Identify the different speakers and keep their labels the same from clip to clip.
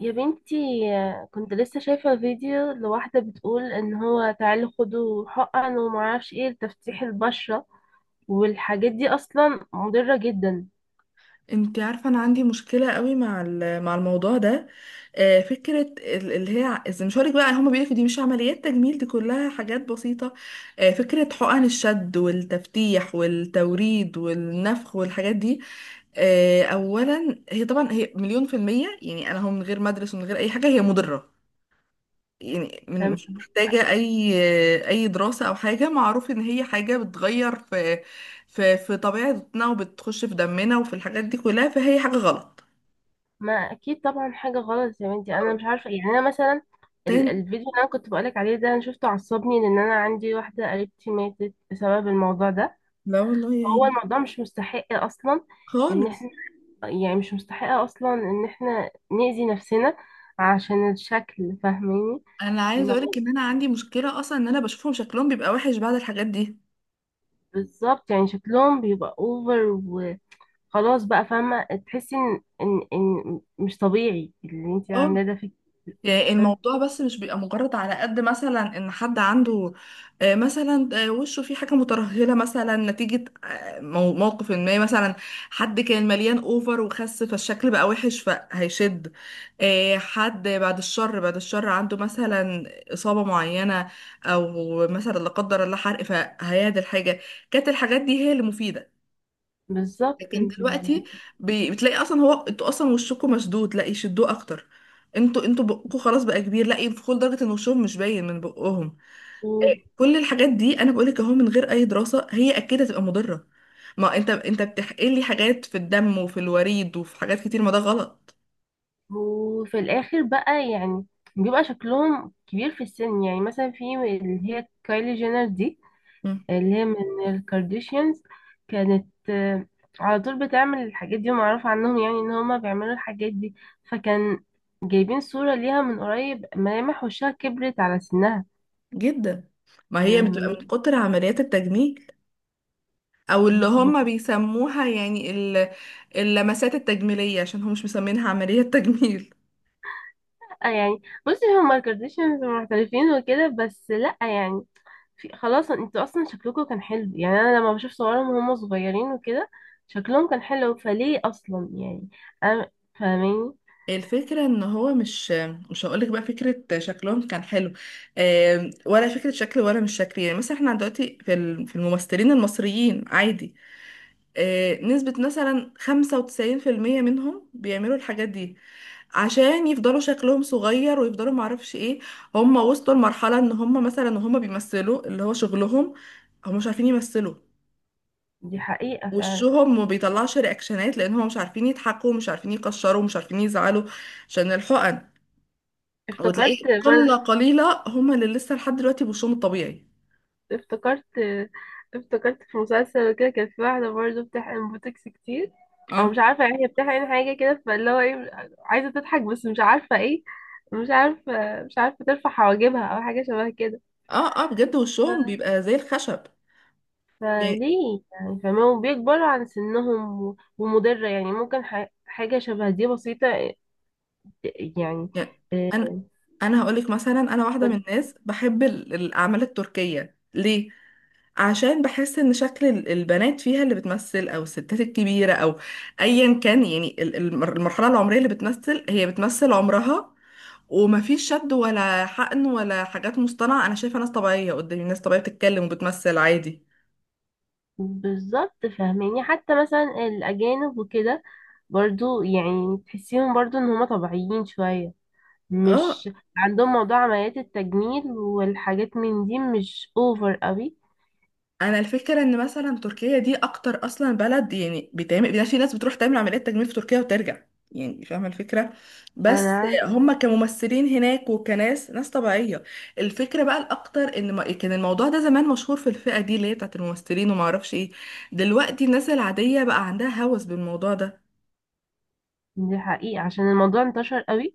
Speaker 1: يا بنتي، كنت لسه شايفة فيديو لواحدة بتقول ان هو تعالوا خدوا حقن ومعرفش ايه لتفتيح البشرة، والحاجات دي اصلا مضرة جدا.
Speaker 2: انت عارفة انا عندي مشكلة قوي مع الموضوع ده. فكرة اللي هي إذا مش هقولك بقى، هما بيقولك دي مش عمليات تجميل، دي كلها حاجات بسيطة. فكرة حقن الشد والتفتيح والتوريد والنفخ والحاجات دي. اولا هي طبعا هي مليون في المية، يعني انا هم من غير ما ادرس ومن غير اي حاجة هي مضرة. يعني من مش
Speaker 1: فم-
Speaker 2: محتاجة أي دراسة أو حاجة، معروف إن هي حاجة بتغير في طبيعتنا وبتخش في دمنا وفي الحاجات دي كلها، فهي حاجة غلط.
Speaker 1: ما اكيد طبعا حاجة غلط يا بنتي، انا
Speaker 2: أه.
Speaker 1: مش عارفة إيه. يعني انا مثلا
Speaker 2: تاني.
Speaker 1: الفيديو اللي انا كنت بقولك عليه ده انا شفته عصبني لان انا عندي واحدة قريبتي ماتت بسبب الموضوع ده.
Speaker 2: لا والله يا
Speaker 1: هو
Speaker 2: عيني.
Speaker 1: الموضوع مش مستحق اصلا ان
Speaker 2: خالص.
Speaker 1: احنا، يعني مش مستحق اصلا ان احنا نأذي نفسنا عشان الشكل، فاهماني؟
Speaker 2: أنا عايزة أقولك
Speaker 1: ما-
Speaker 2: إن أنا عندي مشكلة أصلا إن أنا بشوفهم شكلهم بيبقى وحش بعد الحاجات دي.
Speaker 1: بالظبط، يعني شكلهم بيبقى اوفر وخلاص بقى، فاهمة؟ تحسي ان ان مش طبيعي اللي انت
Speaker 2: اه.
Speaker 1: عاملاه ده فيك.
Speaker 2: يعني الموضوع بس مش بيبقى مجرد على قد مثلا ان حد عنده، مثلا وشه فيه حاجه مترهله مثلا نتيجه موقف ما، مثلا حد كان مليان اوفر وخس فالشكل بقى وحش فهيشد، حد بعد الشر بعد الشر عنده مثلا اصابه معينه، او مثلا لا قدر الله حرق فهيعدل حاجه. كانت الحاجات دي هي اللي مفيده.
Speaker 1: بالظبط،
Speaker 2: لكن
Speaker 1: انت
Speaker 2: دلوقتي
Speaker 1: فاهمة.
Speaker 2: بتلاقي اصلا، هو انتوا اصلا وشكم مشدود لا يشدوه اكتر، انتوا بقكم خلاص بقى كبير لا ينفخوا لدرجه ان وشهم مش باين من بقهم.
Speaker 1: و-
Speaker 2: كل الحاجات دي انا بقولك اهو، من غير اي دراسه هي اكيد هتبقى مضره. ما انت بتحقن لي حاجات في الدم وفي الوريد وفي حاجات كتير، ما ده غلط.
Speaker 1: وفي الاخر بقى يعني بيبقى شكلهم كبير في السن، يعني مثلا في اللي هي كايلي جينر دي،
Speaker 2: مم.
Speaker 1: اللي هي من الكارديشيانز، كانت على طول بتعمل الحاجات دي، ومعروف عنهم يعني ان هما بيعملوا الحاجات دي. فكان جايبين صورة ليها من قريب، ملامح وشها كبرت على سنها.
Speaker 2: جدا. ما هي بتبقى من
Speaker 1: فاهماني؟
Speaker 2: كتر عمليات التجميل، او اللي
Speaker 1: بت-
Speaker 2: هم بيسموها يعني اللمسات التجميليه، عشان هم مش مسمينها عمليه تجميل.
Speaker 1: يعني بصي، هما الكارديشيانز محترفين وكده، بس لأ يعني، في خلاص، انتوا اصلا شكلكم كان حلو. يعني انا لما بشوف صورهم وهم صغيرين وكده، شكلهم كان حلو، فليه اصلا يعني؟ انا فاهماني؟
Speaker 2: الفكرة ان هو مش هقولك بقى فكرة شكلهم كان حلو، ولا فكرة شكل ولا مش شكل. يعني مثلا احنا دلوقتي في في الممثلين المصريين عادي، نسبة مثلا 95% منهم بيعملوا الحاجات دي عشان يفضلوا شكلهم صغير ويفضلوا معرفش ايه. هم وصلوا لمرحلة ان هم مثلا وهم بيمثلوا اللي هو شغلهم، هم مش عارفين يمثلوا.
Speaker 1: دي حقيقة فعلا.
Speaker 2: وشهم ما بيطلعش رياكشنات لان هم مش عارفين يضحكوا، مش عارفين يكشروا، مش عارفين يزعلوا، عشان الحقن.
Speaker 1: افتكرت
Speaker 2: وتلاقيه قلة
Speaker 1: مرة،
Speaker 2: قليلة هما اللي لسه لحد دلوقتي بوشهم الطبيعي.
Speaker 1: افتكرت افتكرت في مسلسل كده كان في واحدة برضه بتحقن بوتوكس كتير، او
Speaker 2: اه،
Speaker 1: مش عارفة يعني هي بتحقن حاجة كده، فاللي هو ايه، عايزة تضحك بس مش عارفة ايه، مش عارفة ترفع حواجبها او حاجة شبه كده.
Speaker 2: اه، اه، بجد وشهم
Speaker 1: ف-
Speaker 2: بيبقى زي الخشب. يعني
Speaker 1: فليه يعني؟ فما وبيكبروا عن سنهم ومضرة يعني، ممكن حاجة شبه دي بسيطة يعني.
Speaker 2: يعني
Speaker 1: آه،
Speaker 2: انا انا هقولك مثلا، انا واحدة من الناس بحب الاعمال التركية، ليه؟ عشان بحس ان شكل البنات فيها اللي بتمثل، او الستات الكبيرة، او ايا كان، يعني المرحلة العمرية اللي بتمثل هي بتمثل عمرها، ومفيش شد ولا حقن ولا حاجات مصطنعة. انا شايفة ناس طبيعية قدامي، ناس طبيعية بتتكلم وبتمثل عادي.
Speaker 1: بالظبط، فاهماني؟ حتى مثلا الأجانب وكده برضو يعني تحسيهم برضو ان هما طبيعيين شوية،
Speaker 2: اه.
Speaker 1: مش عندهم موضوع عمليات التجميل والحاجات من دي مش اوفر قوي.
Speaker 2: انا الفكره ان مثلا تركيا دي اكتر اصلا بلد، يعني بيتعمل، يعني في ناس بتروح تعمل عمليات تجميل في تركيا وترجع، يعني فاهمه الفكره.
Speaker 1: انا
Speaker 2: بس
Speaker 1: عارف.
Speaker 2: هم كممثلين هناك وكناس، ناس طبيعيه. الفكره بقى الاكتر ان كان الموضوع ده زمان مشهور في الفئه دي اللي هي بتاعت الممثلين وما اعرفش ايه، دلوقتي الناس العاديه بقى عندها هوس بالموضوع ده.
Speaker 1: دي حقيقة، عشان الموضوع انتشر قوي.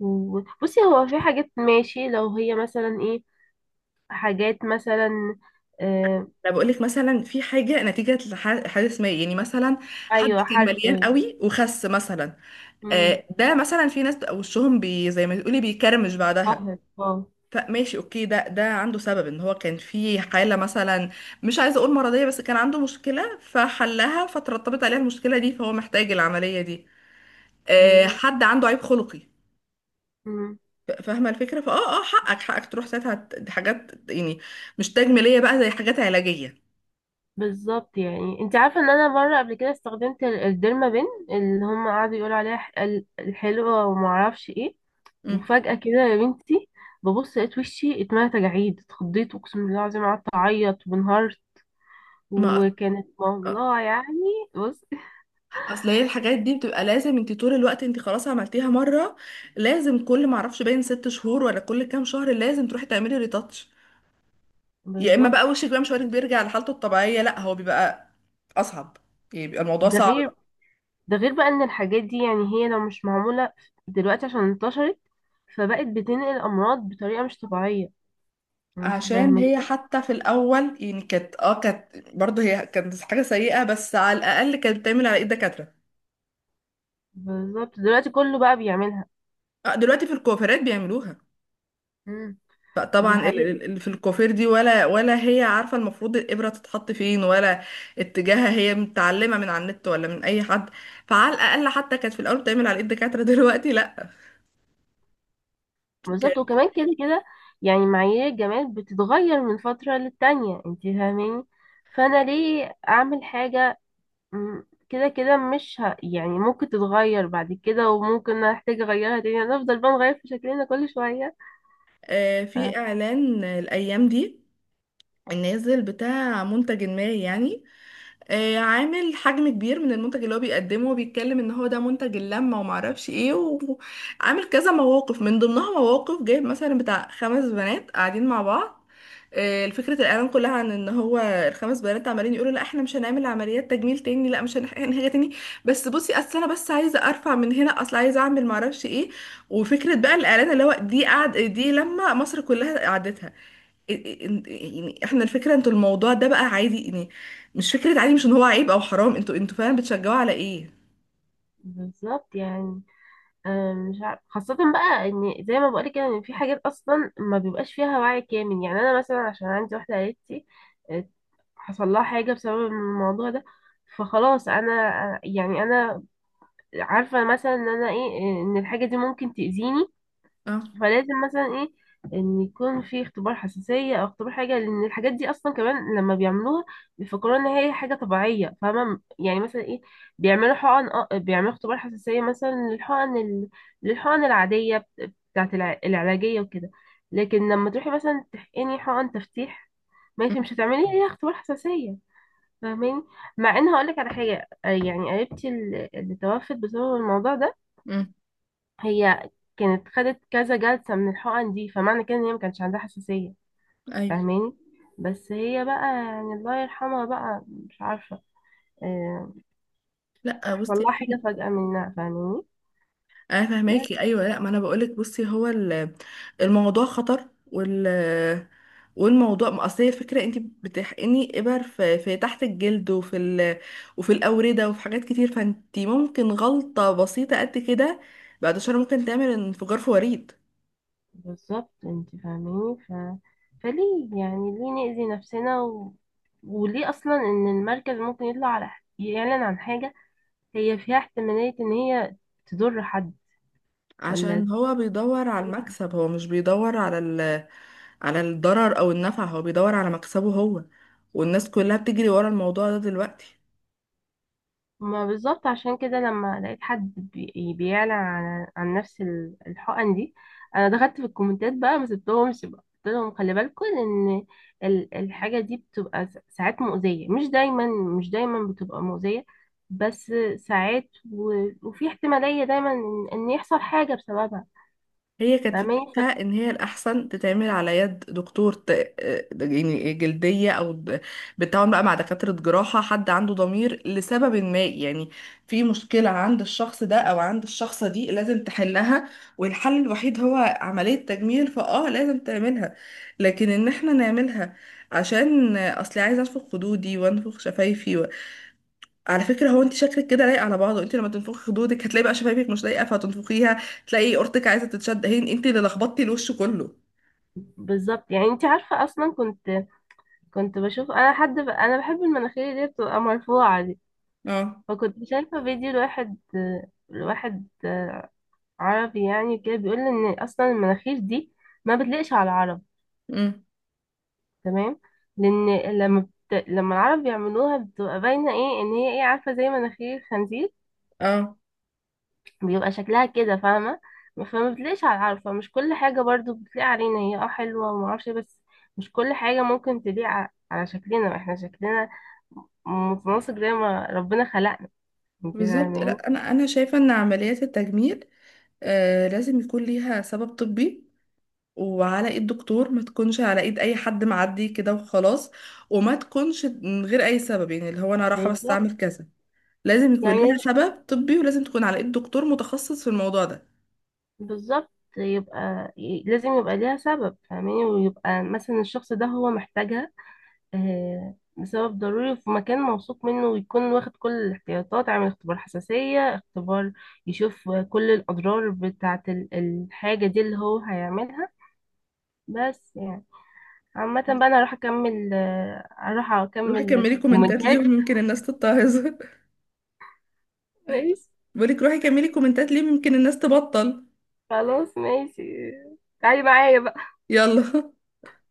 Speaker 1: وبصي، هو في حاجات ماشي، لو هي مثلا ايه، حاجات مثلا آه.
Speaker 2: انا بقول لك مثلا، في حاجه نتيجه حادث ما، يعني مثلا حد
Speaker 1: ايوه
Speaker 2: كان
Speaker 1: حرق.
Speaker 2: مليان قوي وخس مثلا،
Speaker 1: امم.
Speaker 2: ده مثلا في ناس بقى وشهم بي زي ما تقولي بيكرمش
Speaker 1: اه، آه،
Speaker 2: بعدها.
Speaker 1: بالظبط.
Speaker 2: ماشي، اوكي، ده عنده سبب، ان هو كان في حالة مثلا، مش عايزة اقول مرضية، بس كان عنده مشكلة فحلها فترتبت عليها المشكلة دي، فهو محتاج العملية دي.
Speaker 1: مم.
Speaker 2: حد عنده عيب خلقي، فاهمة الفكرة فاه، اه حقك حقك تروح ساعتها دي حاجات يعني مش تجميلية بقى، زي حاجات علاجية.
Speaker 1: بالظبط، يعني انت عارفه ان انا مره قبل كده استخدمت الديرما بين، اللي هم قعدوا يقولوا عليها الحلوه وما اعرفش ايه،
Speaker 2: مم.
Speaker 1: وفجأة كده يا بنتي ببص لقيت وشي اتملى تجاعيد، اتخضيت، اقسم بالله العظيم قعدت اعيط وانهارت.
Speaker 2: ما
Speaker 1: وكانت
Speaker 2: آه،
Speaker 1: والله يعني، بص.
Speaker 2: اصل هي الحاجات دي بتبقى لازم، انت طول الوقت انت خلاص عملتيها مرة، لازم كل ما اعرفش باين 6 شهور ولا كل كام شهر لازم تروحي تعملي ريتاتش. يا اما
Speaker 1: بالظبط.
Speaker 2: بقى وشك بقى مش وارد بيرجع لحالته الطبيعيه، لا هو بيبقى اصعب، يعني بيبقى الموضوع
Speaker 1: ده
Speaker 2: صعب
Speaker 1: غير،
Speaker 2: بقى.
Speaker 1: ده غير بقى ان الحاجات دي يعني هي لو مش معمولة دلوقتي، عشان انتشرت فبقت بتنقل امراض بطريقة مش طبيعية، انت
Speaker 2: عشان
Speaker 1: فاهمة؟
Speaker 2: هي حتى في الاول يعني كانت اه، كانت برضه هي كانت حاجه سيئه، بس على الاقل كانت بتعمل على ايد دكاتره.
Speaker 1: بالظبط، دلوقتي كله بقى بيعملها.
Speaker 2: دلوقتي في الكوافيرات بيعملوها،
Speaker 1: مم.
Speaker 2: فطبعا
Speaker 1: دي
Speaker 2: ال-
Speaker 1: حقيقة.
Speaker 2: ال- ال- في الكوافير دي ولا هي عارفه المفروض الابره تتحط فين، ولا اتجاهها، هي متعلمه من على النت ولا من اي حد. فعلى الاقل حتى كانت في الاول بتعمل على ايد دكاتره دلوقتي لا. كان
Speaker 1: بالظبط، وكمان كده كده يعني معايير الجمال بتتغير من فترة للتانية، انت فاهماني؟ فانا ليه اعمل حاجة؟ مم. كده كده مش ه... يعني ممكن تتغير بعد كده، وممكن احتاج اغيرها تاني، يعني هنفضل بقى نغير في شكلنا كل شوية. آه،
Speaker 2: في اعلان الايام دي نازل بتاع منتج ما، يعني عامل حجم كبير من المنتج اللي هو بيقدمه، وبيتكلم ان هو ده منتج اللمة ومعرفش ايه، وعامل كذا مواقف، من ضمنها مواقف جايب مثلا بتاع خمس بنات قاعدين مع بعض. الفكرة الإعلان كلها عن إن هو الخمس بنات عمالين يقولوا لا إحنا مش هنعمل عمليات تجميل تاني، لا مش هنحاجة تاني، بس بصي أصل أنا بس عايزة أرفع من هنا، أصل عايزة أعمل معرفش إيه. وفكرة بقى الإعلان اللي هو دي قعد، دي لما مصر كلها قعدتها. يعني احنا الفكره انتوا الموضوع ده بقى عادي يعني، مش فكره عادي، مش ان هو عيب او حرام، انتوا فعلا بتشجعوا على ايه.
Speaker 1: بالظبط يعني. مش عارف، خاصة بقى ان زي ما بقولك كده ان في حاجات اصلا ما بيبقاش فيها وعي كامل. يعني انا مثلا عشان عندي واحدة قريبتي آه، حصل لها حاجة بسبب الموضوع ده. فخلاص انا، يعني انا عارفة مثلا ان انا ايه، ان الحاجة دي ممكن تأذيني.
Speaker 2: اه.
Speaker 1: فلازم مثلا ايه، ان يكون في اختبار حساسية او اختبار حاجة، لان الحاجات دي اصلا كمان لما بيعملوها بيفكروا ان هي حاجة طبيعية. فاهمة يعني؟ مثلا ايه، بيعملوا حقن، اه بيعملوا اختبار حساسية مثلا للحقن للحقن العادية بتاعت العلاجية وكده، لكن لما تروحي مثلا تحقني حقن تفتيح،
Speaker 2: مم.
Speaker 1: ماشي مش هتعملي ليها اختبار حساسية. فاهماني؟ مع ان هقولك على حاجة، يعني قريبتي اللي توفت بسبب الموضوع ده،
Speaker 2: مم.
Speaker 1: هي كانت خدت كذا جلسة من الحقن دي، فمعنى كده ان هي ما كانش عندها حساسية.
Speaker 2: ايوه.
Speaker 1: فاهماني؟ بس هي بقى يعني الله يرحمها بقى، مش عارفة، آه،
Speaker 2: لا
Speaker 1: حصل
Speaker 2: بصي،
Speaker 1: لها حاجة فجأة منها، فاهماني؟
Speaker 2: انا فاهماكي،
Speaker 1: بس
Speaker 2: ايوه. لا ما انا بقولك، بصي هو الموضوع خطر، وال والموضوع ما اصل هي الفكره، انت بتحقني ابر في تحت الجلد وفي ال... وفي الاورده وفي حاجات كتير، فانت ممكن غلطه بسيطه قد كده بعد شهر ممكن تعمل انفجار في وريد.
Speaker 1: بالظبط، انت فاهماني؟ فليه يعني؟ ليه نأذي نفسنا؟ وليه اصلا ان المركز ممكن يطلع على، يعلن عن حاجة هي فيها احتمالية ان هي تضر حد، ولا؟
Speaker 2: عشان هو بيدور على المكسب، هو مش بيدور على ال... على الضرر او النفع، هو بيدور على مكسبه هو، والناس كلها بتجري ورا الموضوع ده دلوقتي.
Speaker 1: ما بالظبط، عشان كده لما لقيت حد يعني بيعلن عن نفس الحقن دي، انا دخلت في الكومنتات بقى، ما سبتهمش بقى، قلت لهم خلي بالكم ان الحاجه دي بتبقى ساعات مؤذيه، مش دايما، مش دايما بتبقى مؤذيه، بس ساعات. وفي احتماليه دايما ان إن يحصل حاجه بسببها.
Speaker 2: هي كانت
Speaker 1: فاهماني؟
Speaker 2: فكرتها ان هي الاحسن تتعمل على يد دكتور ت... يعني جلديه او بالتعاون بقى مع دكاتره جراحه، حد عنده ضمير لسبب ما، يعني في مشكله عند الشخص ده او عند الشخصه دي لازم تحلها، والحل الوحيد هو عمليه تجميل، فاه لازم تعملها. لكن ان احنا نعملها عشان اصلي عايزه انفخ خدودي وانفخ شفايفي، على فكرة هو انت شكلك كده لايق على بعضه، انت لما تنفخي خدودك هتلاقي بقى شفايفك مش لايقة فهتنفخيها، تلاقي قرطك عايزة تتشد، هي انت اللي لخبطتي الوش كله.
Speaker 1: بالظبط، يعني انت عارفه اصلا كنت، كنت بشوف انا حد انا بحب المناخير اللي هي بتبقى مرفوعه دي،
Speaker 2: اه.
Speaker 1: فكنت شايفه فيديو لواحد، لواحد عربي يعني كده بيقول ان اصلا المناخير دي ما بتليقش على العرب،
Speaker 2: امم.
Speaker 1: تمام؟ لان لما لما العرب بيعملوها بتبقى باينه ايه، ان هي ايه، عارفه، زي مناخير خنزير
Speaker 2: اه
Speaker 1: بيبقى شكلها كده، فاهمه؟ فما بتليقش على العرب. فمش كل حاجه برضو بتليق علينا، هي اه حلوه وما اعرفش إيه، بس مش كل حاجه ممكن تليق على شكلنا، احنا شكلنا متناسق زي ما ربنا خلقنا، انت
Speaker 2: بالظبط.
Speaker 1: فاهمين؟
Speaker 2: لا، انا شايفة ان عمليات التجميل آه لازم يكون ليها سبب طبي، وعلى ايد دكتور، ما تكونش على ايد اي حد معدي كده وخلاص، وما تكونش من غير اي سبب، يعني اللي هو انا رايحة بس
Speaker 1: بالظبط
Speaker 2: اعمل كذا. لازم يكون ليها
Speaker 1: يعني.
Speaker 2: سبب طبي، ولازم تكون على ايد دكتور متخصص في الموضوع ده.
Speaker 1: بالظبط، يبقى لازم يبقى ليها سبب، فاهماني؟ ويبقى مثلا الشخص ده هو محتاجها، لسبب ضروري، في مكان موثوق منه، ويكون واخد كل الاحتياطات، عامل اختبار حساسية، اختبار يشوف كل الأضرار بتاعة الحاجة دي اللي هو هيعملها. بس يعني عامة بقى، أنا هروح أكمل، هروح
Speaker 2: روحي
Speaker 1: أكمل
Speaker 2: كملي كومنتات ليهم
Speaker 1: كومنتات.
Speaker 2: يمكن الناس تتعظ
Speaker 1: ماشي،
Speaker 2: بقولك روحي كملي كومنتات ليه ممكن الناس تبطل.
Speaker 1: خلاص ماشي، تعالي معايا
Speaker 2: يلا.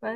Speaker 1: بقى.